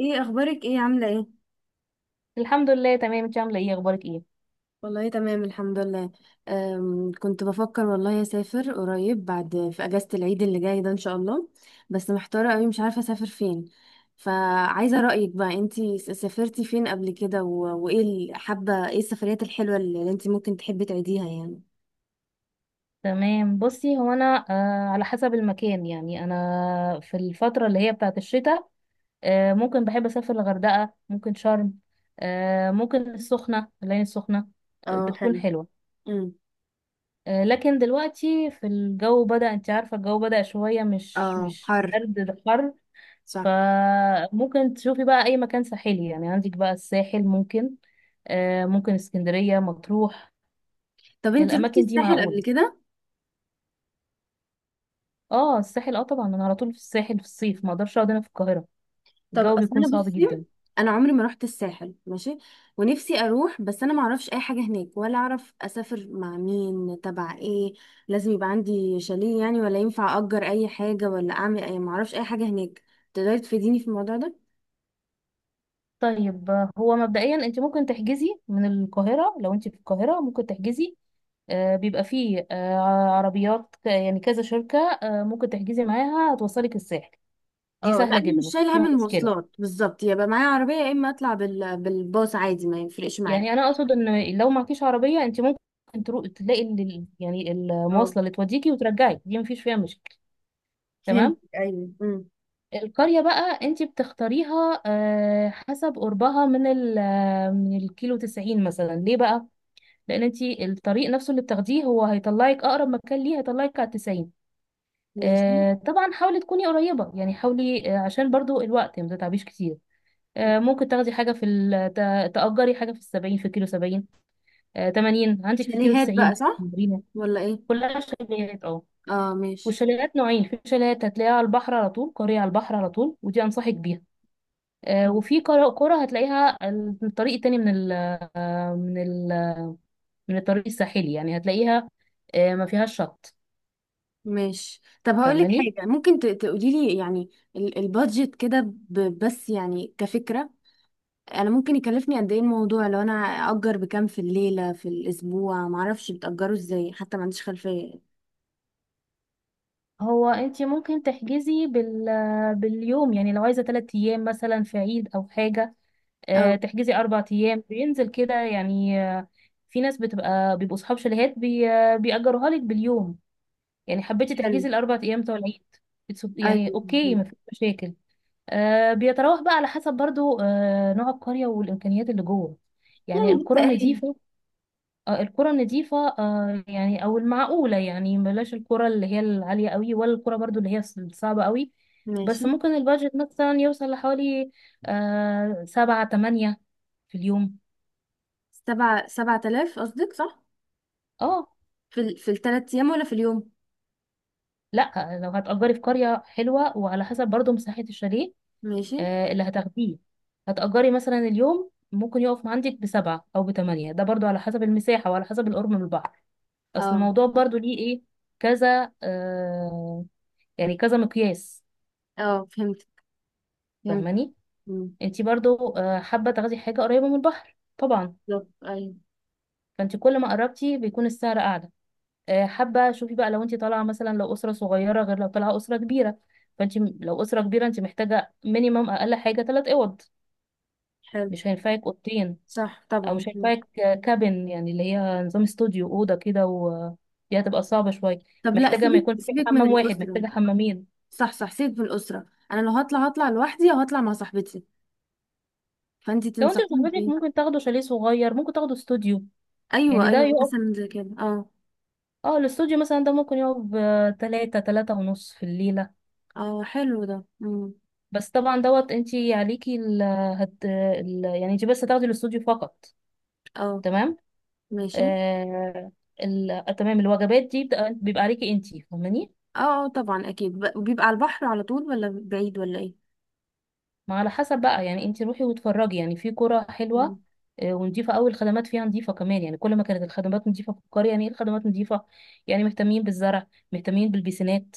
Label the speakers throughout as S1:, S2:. S1: ايه اخبارك، ايه عامله ايه؟
S2: الحمد لله، تمام. انت عامله ايه؟ اخبارك ايه؟
S1: والله تمام الحمد لله. كنت بفكر والله اسافر قريب بعد في اجازة العيد اللي جاي ده ان شاء الله. بس محتارة قوي مش عارفة اسافر فين. فعايزة رأيك بقى، انتي سافرتي فين قبل كده؟ وايه حابة، ايه السفريات الحلوة اللي انتي ممكن تحبي تعيديها يعني؟
S2: تمام، بصي. هو انا على حسب المكان، يعني انا في الفتره اللي هي بتاعه الشتاء ممكن بحب اسافر الغردقه، ممكن شرم، ممكن العين السخنه.
S1: اه
S2: بتكون
S1: حلو.
S2: حلوه.
S1: امم
S2: لكن دلوقتي في الجو بدأ، انت عارفه الجو بدأ شويه مش
S1: اه
S2: مش
S1: حر.
S2: برد، ده حر.
S1: صح.
S2: فممكن تشوفي بقى اي مكان ساحلي، يعني عندك بقى الساحل ممكن، ممكن اسكندريه، مطروح.
S1: طب انتي روحتي
S2: الاماكن دي
S1: الساحل قبل
S2: معقوله.
S1: كده؟
S2: اه الساحل، اه طبعا، انا على طول في الساحل في الصيف، ما اقدرش اقعد هنا في القاهره.
S1: طب
S2: الجو
S1: اصل
S2: بيكون
S1: انا
S2: صعب
S1: بصي،
S2: جدا.
S1: انا عمري ما رحت الساحل ماشي. ونفسي اروح بس انا ما اعرفش اي حاجه هناك، ولا اعرف اسافر مع مين تبع ايه. لازم يبقى عندي شاليه يعني؟ ولا ينفع اجر اي حاجه، ولا اعمل اي، ما اعرفش اي حاجه هناك. تقدري تفيديني في الموضوع ده؟
S2: طيب هو مبدئيا انت ممكن تحجزي من القاهره، لو انت في القاهره ممكن تحجزي. بيبقى فيه. عربيات يعني كذا شركه، ممكن تحجزي معاها، هتوصلك الساحل. دي
S1: اه لا،
S2: سهله
S1: انا
S2: جدا،
S1: مش
S2: مفيش
S1: شايله هم
S2: فيها مشكله.
S1: المواصلات بالظبط، يبقى معايا عربيه يا اما اطلع بالباص عادي، ما يفرقش معايا.
S2: يعني انا اقصد ان لو معكيش عربيه، انت ممكن تروح تلاقي يعني
S1: اه
S2: المواصله اللي توديكي وترجعي. دي مفيش فيها مشكله.
S1: فهمت،
S2: تمام.
S1: ايوه.
S2: القرية بقى انت بتختاريها حسب قربها من ال آه، من الكيلو 90 مثلا. ليه بقى؟ لأن انت الطريق نفسه اللي بتاخديه هو هيطلعك أقرب مكان ليه، هيطلعك على 90.
S1: ماشي.
S2: طبعا حاولي تكوني قريبة، يعني حاولي عشان برضو الوقت ما تتعبيش كتير. ممكن تاخدي حاجة في تأجري حاجة في السبعين، في كيلو سبعين تمانين، عندك في كيلو
S1: شاليهات بقى،
S2: تسعين
S1: صح؟
S2: مرينا.
S1: ولا ايه؟
S2: كلها شاليهات، اه.
S1: اه ماشي.
S2: والشاليهات نوعين، في شاليهات هتلاقيها على البحر على طول، قرية على البحر على طول، ودي أنصحك بيها. وفي كرة هتلاقيها الطريق التاني من ال من الطريق الساحلي، يعني هتلاقيها ما فيهاش شط.
S1: ماشي، طب هقول لك
S2: فاهماني؟
S1: حاجه، ممكن تقولي لي يعني البادجت كده، بس يعني كفكره، انا ممكن يكلفني قد ايه الموضوع لو انا اجر بكام في الليله، في الاسبوع؟ معرفش بتاجروا ازاي، حتى ما عنديش خلفيه.
S2: هو انت ممكن تحجزي باليوم، يعني لو عايزة 3 ايام مثلا في عيد او حاجة
S1: اه
S2: تحجزي 4 ايام، بينزل كده يعني. في ناس بيبقوا اصحاب شاليهات بي آه، بيأجروها لك باليوم، يعني حبيتي
S1: حلو.
S2: تحجزي الاربع ايام بتوع العيد.
S1: ايوه
S2: يعني اوكي،
S1: مظبوط.
S2: ما فيش مشاكل. بيتراوح بقى على حسب برضو نوع القرية والإمكانيات اللي جوه. يعني
S1: يعني
S2: القرى
S1: بالتقريب.
S2: النظيفة، القرى النظيفة يعني أو المعقولة، يعني بلاش القرى اللي هي العالية قوي، ولا القرى برضو اللي هي الصعبة قوي.
S1: ماشي.
S2: بس ممكن البادجت مثلا يوصل لحوالي سبعة تمانية في اليوم.
S1: سبعة، سبعة آلاف قصدك، صح؟
S2: اه
S1: في الثلاث ايام ولا في اليوم؟
S2: لا، لو هتأجري في قرية حلوة، وعلى حسب برضو مساحة الشاليه
S1: ماشي.
S2: اللي هتاخديه، هتأجري مثلا اليوم ممكن يقف عندك بسبعة أو بتمانية. ده برضو على حسب المساحة وعلى حسب القرب من البحر. أصل
S1: اه.
S2: الموضوع برضو ليه إيه؟ كذا يعني كذا مقياس.
S1: اه فهمت. فهمت.
S2: فاهماني؟
S1: مم.
S2: انتي برضو حابة تاخدي حاجة قريبة من البحر طبعا.
S1: بالظبط، ايوه.
S2: فانتي كل ما قربتي بيكون السعر أعلى. حابة شوفي بقى، لو انتي طالعة مثلا، لو أسرة صغيرة غير لو طالعة أسرة كبيرة. فانتي لو أسرة كبيرة، انتي محتاجة مينيمم أقل حاجة تلات أوض،
S1: حلو.
S2: مش هينفعك أوضتين.
S1: صح
S2: او
S1: طبعا.
S2: مش
S1: مم.
S2: هينفعك كابن، يعني اللي هي نظام استوديو، اوضه كده، و دي هتبقى صعبه شويه.
S1: طب لا،
S2: محتاجه ما
S1: سيبك
S2: يكون في
S1: سيبك من
S2: حمام واحد،
S1: الاسره.
S2: محتاجه حمامين.
S1: صح صح، سيد بالأسرة. أنا لو هطلع هطلع لوحدي، أو هطلع مع صاحبتي. فأنتي
S2: لو انت
S1: تنصحيني
S2: وصاحبتك،
S1: بإيه؟
S2: ممكن تاخدوا شاليه صغير، ممكن تاخدوا استوديو.
S1: أيوة
S2: يعني ده
S1: أيوة،
S2: يقف،
S1: مثلا زي كده، اه.
S2: اه الاستوديو مثلا ده ممكن يقف بتلاتة، تلاتة ونص في الليله.
S1: اه حلو ده. مم.
S2: بس طبعا دوت انت عليكي يعني انت بس هتاخدي الاستوديو فقط.
S1: اه
S2: تمام.
S1: ماشي.
S2: آه... تمام، الوجبات دي بيبقى عليكي انت، فاهماني؟
S1: اه، طبعا أكيد. بيبقى على البحر على طول ولا بعيد ولا إيه؟
S2: ما على حسب بقى، يعني انت روحي واتفرجي. يعني في قرى
S1: مم.
S2: حلوه ونضيفه قوي. الخدمات فيها نضيفه كمان، يعني كل ما كانت الخدمات نضيفه في القريه. يعني ايه الخدمات نضيفه؟ يعني مهتمين بالزرع، مهتمين بالبيسينات.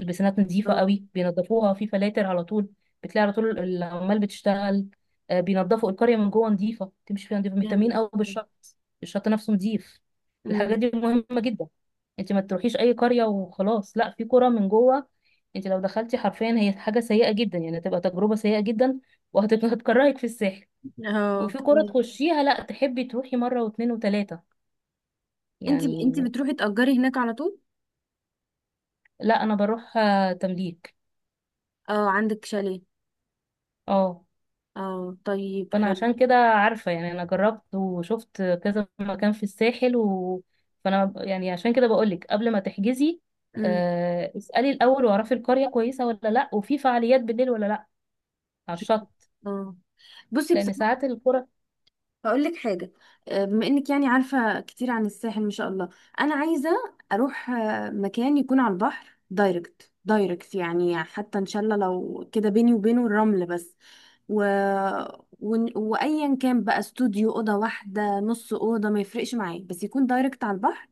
S2: البيسينات نضيفه
S1: اه.
S2: قوي، بينظفوها، في فلاتر على طول، بتلاقي على طول العمال بتشتغل. بينظفوا القريه من جوه نضيفه، تمشي فيها نضيفه، مهتمين
S1: جامد.
S2: قوي بالشط. الشط نفسه نضيف. الحاجات
S1: مم.
S2: دي مهمه جدا. انت ما تروحيش اي قريه وخلاص، لا. في قرى من جوه، انت لو دخلتي حرفيا، هي حاجه سيئه جدا، يعني هتبقى تجربه سيئه جدا، وهتكرهك في الساحل،
S1: اه
S2: وفي كرة
S1: اوكي.
S2: تخشيها لا تحبي تروحي مره واتنين وتلاته،
S1: انتي
S2: يعني.
S1: بتروحي تأجري هناك على طول؟
S2: لا، انا بروح تمليك.
S1: اه عندك شاليه.
S2: اه.
S1: اه طيب
S2: فانا
S1: حلو.
S2: عشان كده عارفه، يعني انا جربت وشفت كذا مكان في الساحل، و... فانا يعني عشان كده بقولك قبل ما تحجزي
S1: امم
S2: اسألي الأول، واعرفي القرية كويسة ولا لأ، وفي فعاليات بالليل ولا لأ، على الشط.
S1: اه. بصي
S2: لأن
S1: بصراحة،
S2: ساعات القرى،
S1: هقول لك حاجة، بما انك يعني عارفة كتير عن الساحل ما شاء الله، انا عايزة اروح مكان يكون على البحر دايركت دايركت يعني، حتى ان شاء الله لو كده بيني وبينه الرمل بس. و... وايا كان بقى، استوديو، اوضة واحدة، نص اوضة، ما يفرقش معايا، بس يكون دايركت على البحر.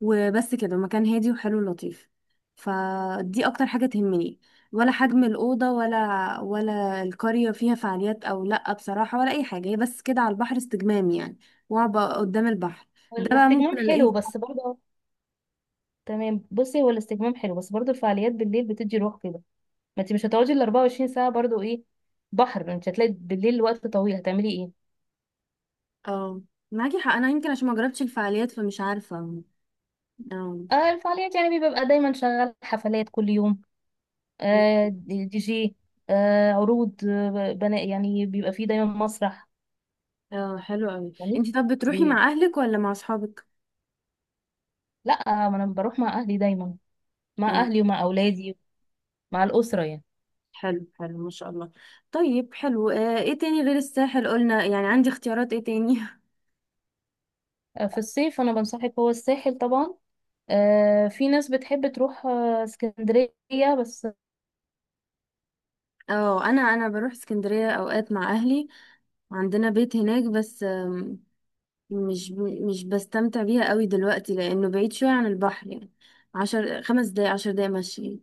S1: وبس كده، مكان هادي وحلو لطيف. فدي اكتر حاجة تهمني، ولا حجم الأوضة ولا، ولا القرية فيها فعاليات أو لأ بصراحة، ولا أي حاجة. هي بس كده على البحر، استجمام يعني، وأبقى قدام البحر. ده بقى ممكن
S2: الاستجمام
S1: ألاقيه؟
S2: حلو بس برضه. تمام، بصي. هو الاستجمام حلو، بس برضو الفعاليات بالليل بتدي روح كده. ما انت مش هتقعدي ال 24 ساعه برضو، ايه بحر؟ انت هتلاقي بالليل وقت طويل، هتعملي ايه؟
S1: اه معاكي حق، أنا يمكن عشان ما جربتش الفعاليات فمش عارفة. اه.
S2: الفعاليات يعني بيبقى دايما شغال حفلات كل يوم. دي دي جي، عروض، بناء، يعني بيبقى فيه دايما مسرح.
S1: اه حلو أوي.
S2: يعني
S1: انتي طب بتروحي
S2: بي...
S1: مع أهلك ولا مع أصحابك؟
S2: لا، ما انا بروح مع اهلي دايما، مع
S1: اه
S2: اهلي ومع اولادي، مع الاسره يعني.
S1: حلو حلو ما شاء الله. طيب حلو، آه، ايه تاني غير الساحل قلنا؟ يعني عندي اختيارات ايه تاني؟
S2: في الصيف انا بنصحك هو الساحل طبعا. في ناس بتحب تروح اسكندريه بس.
S1: اه انا، انا بروح اسكندريه اوقات مع اهلي، وعندنا بيت هناك بس. آم، مش ب- مش بستمتع بيها قوي دلوقتي لانه بعيد شويه عن البحر يعني، عشر، خمس دقايق عشر دقايق مشي.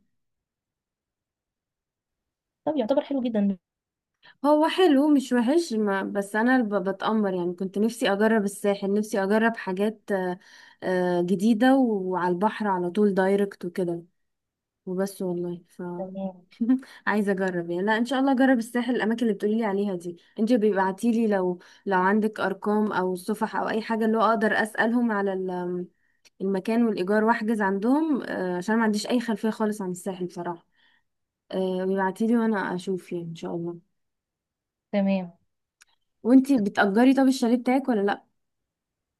S2: طب يعتبر حلو جدا.
S1: هو حلو مش وحش، ما بس انا بتأمر يعني، كنت نفسي اجرب الساحل، نفسي اجرب حاجات جديده، وعلى البحر على طول دايركت وكده. وبس والله.
S2: تمام،
S1: عايزه اجرب يعني، لا ان شاء الله اجرب الساحل. الاماكن اللي بتقولي لي عليها دي انت بيبعتي لي، لو لو عندك ارقام او صفح او اي حاجه، اللي هو اقدر اسالهم على المكان والايجار، واحجز عندهم، عشان ما عنديش اي خلفيه خالص عن الساحل بصراحه. بيبعتي لي وانا اشوف يعني ان شاء الله.
S2: تمام.
S1: وانت بتأجري طب الشاليه بتاعك ولا لا؟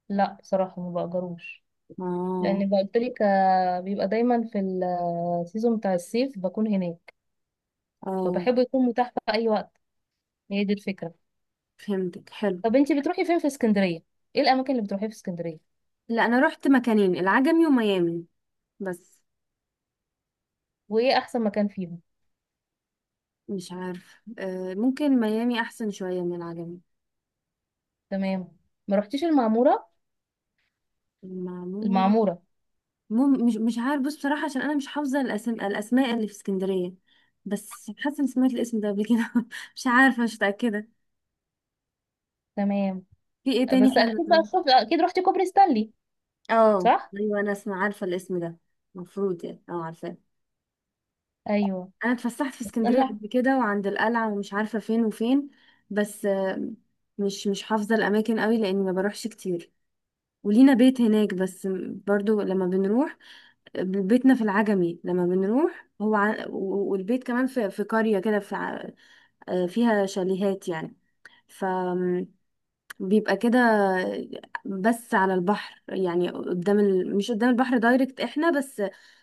S2: لا بصراحة، ما بأجروش.
S1: اه.
S2: لأن قلت لك، بيبقى دايما في السيزون بتاع الصيف بكون هناك،
S1: اه
S2: فبحب يكون متاح في أي وقت. هي دي الفكرة.
S1: فهمتك حلو.
S2: طب انتي بتروحي فين في اسكندرية؟ ايه الأماكن اللي بتروحيها في اسكندرية؟
S1: لا انا رحت مكانين، العجمي وميامي بس.
S2: وإيه أحسن مكان فيهم؟
S1: مش عارف، ممكن ميامي احسن شويه من العجمي.
S2: تمام. ما رحتيش المعمورة؟
S1: المعمورة؟
S2: المعمورة.
S1: مش عارف. بص بصراحة عشان أنا مش حافظة الأسماء اللي في اسكندرية، بس حاسة إني سمعت الاسم ده قبل كده مش عارفة، مش متأكدة.
S2: تمام.
S1: في إيه تاني
S2: بس
S1: حلو
S2: أكيد بقى
S1: طيب؟
S2: شوف أكيد رحتي كوبري ستانلي،
S1: اه
S2: صح؟
S1: أيوة، أنا اسمع عارفة الاسم ده. المفروض يعني اه عارفاه.
S2: أيوه.
S1: أنا اتفسحت في
S2: بس
S1: اسكندرية
S2: أنا،
S1: قبل كده، وعند القلعة ومش عارفة فين وفين. بس مش حافظة الأماكن قوي لأني ما بروحش كتير، ولينا بيت هناك بس. برضو لما بنروح، بيتنا في العجمي، لما بنروح هو والبيت كمان في في قرية كده، في فيها شاليهات يعني. فبيبقى كده، بس على البحر يعني قدام مش قدام البحر دايركت احنا، بس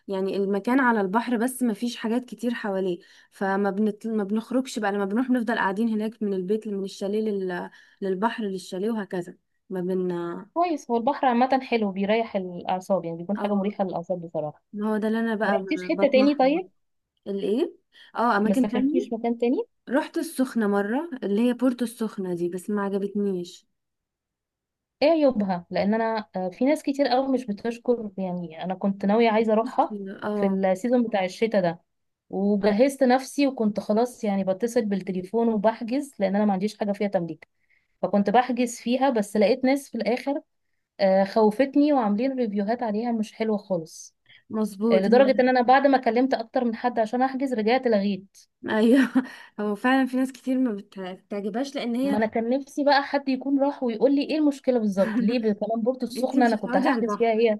S1: يعني المكان على البحر بس، ما فيش حاجات كتير حواليه. ما بنخرجش بقى لما بنروح، بنفضل قاعدين هناك من البيت، من الشاليه للبحر، للشاليه، وهكذا. ما بن
S2: كويس. هو البحر عامة حلو، بيريح الأعصاب، يعني بيكون حاجة
S1: اه،
S2: مريحة للأعصاب بصراحة.
S1: ما هو ده اللي انا
S2: ما
S1: بقى
S2: رحتيش حتة تاني
S1: بطمح له.
S2: طيب؟
S1: الايه؟ اه
S2: ما
S1: اماكن تانية.
S2: سافرتيش مكان تاني؟
S1: رحت السخنة مرة، اللي هي بورتو السخنة دي، بس ما عجبتنيش.
S2: ايه عيوبها؟ لان انا في ناس كتير قوي مش بتشكر، يعني انا كنت ناوية عايزة اروحها في
S1: اه
S2: السيزون بتاع الشتاء ده، وجهزت نفسي وكنت خلاص، يعني بتصل بالتليفون وبحجز، لان انا ما عنديش حاجة فيها تمليك، فكنت بحجز فيها، بس لقيت ناس في الاخر خوفتني، وعاملين ريفيوهات عليها مش حلوة خالص،
S1: مظبوط
S2: لدرجة
S1: هي.
S2: ان انا بعد ما كلمت اكتر من حد عشان احجز، رجعت لغيت.
S1: ايوه هو فعلا في ناس كتير ما بت- بتعجبهاش لان
S2: ما
S1: هي
S2: انا كان نفسي بقى حد يكون راح ويقول لي ايه المشكله بالظبط، ليه بكلام بورتو
S1: انتي
S2: السخنه؟
S1: مش
S2: انا كنت
S1: هتقعدي على
S2: هحجز فيها
S1: البحر.
S2: هي.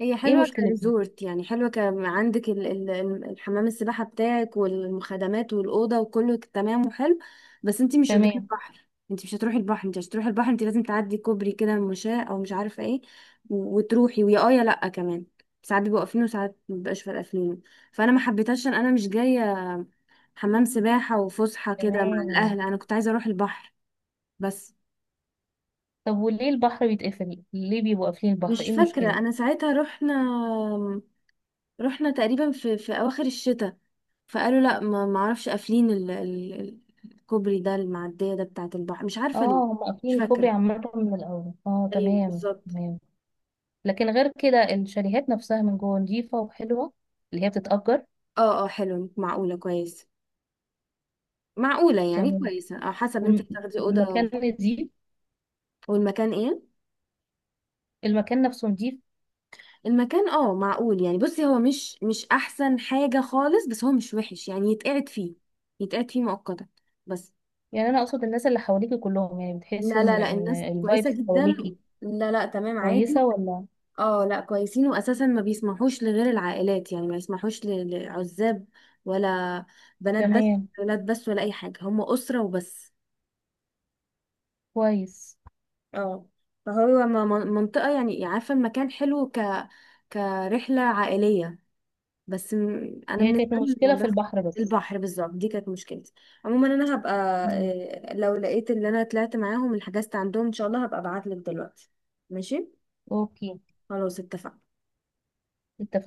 S1: هي
S2: ايه
S1: حلوه
S2: مشكلتها؟
S1: كريزورت يعني، حلوه، عندك الحمام السباحه بتاعك، والمخدمات، والاوضه، وكله تمام وحلو. بس انتي مش قدام
S2: تمام،
S1: البحر، انتي مش هتروحي البحر، انتي عشان تروحي البحر انتي لازم تعدي كوبري كده مشاة او مش عارفه ايه. وتروحي ويا اه يا لا كمان. ساعات بيبقوا قافلينه وساعات مبيبقاش، فارقة قافلينه. فانا ما حبيتهاش عشان انا مش جايه حمام سباحة وفسحة كده مع
S2: تمام.
S1: الأهل، أنا كنت عايزة أروح البحر بس.
S2: طب وليه البحر بيتقفل؟ ليه بيبقوا قافلين البحر؟
S1: مش
S2: ايه
S1: فاكرة
S2: المشكله؟
S1: أنا ساعتها، رحنا تقريبا في أواخر الشتاء. فقالوا لأ، ما معرفش، قافلين الكوبري ده، المعدية ده بتاعة البحر، مش عارفة ليه.
S2: اه، هم
S1: مش
S2: قافلين الكوبري
S1: فاكرة.
S2: عامه من الاول. اه
S1: ايوه
S2: تمام،
S1: بالظبط.
S2: تمام. لكن غير كده الشاليهات نفسها من جوه نظيفه وحلوه، اللي هي بتتأجر.
S1: اه. اه حلو، معقولة، كويس. معقولة يعني
S2: تمام.
S1: كويسة، اه، حسب انت
S2: والم-
S1: هتاخدي أوضة.
S2: والمكان نظيف.
S1: والمكان ايه؟
S2: المكان نفسه نظيف.
S1: المكان اه معقول يعني. بصي هو مش احسن حاجة خالص، بس هو مش وحش يعني، يتقعد فيه، يتقعد فيه مؤقتا بس.
S2: يعني انا اقصد الناس اللي حواليكي كلهم، يعني بتحسي
S1: لا لا
S2: ان
S1: لا، الناس كويسة
S2: الفايبس
S1: جدا.
S2: حواليكي
S1: لا لا تمام عادي.
S2: كويسه، ولا؟
S1: اه لا كويسين، واساسا ما بيسمحوش لغير العائلات يعني، ما يسمحوش لعزاب، ولا بنات بس،
S2: تمام.
S1: ولا ولاد بس، ولا اي حاجة. هم أسرة وبس.
S2: كويس.
S1: اه فهو منطقة يعني، عارفة المكان حلو كرحلة عائلية. بس انا
S2: هي
S1: بالنسبه
S2: كانت
S1: لي،
S2: المشكلة في
S1: بس
S2: البحر بس.
S1: البحر بالظبط دي كانت مشكلتي. عموما انا هبقى
S2: مم.
S1: لو لقيت اللي انا طلعت معاهم، اللي حجزت عندهم ان شاء الله، هبقى ابعت لك دلوقتي. ماشي.
S2: اوكي،
S1: خلاص اتفقنا.
S2: اتفقنا.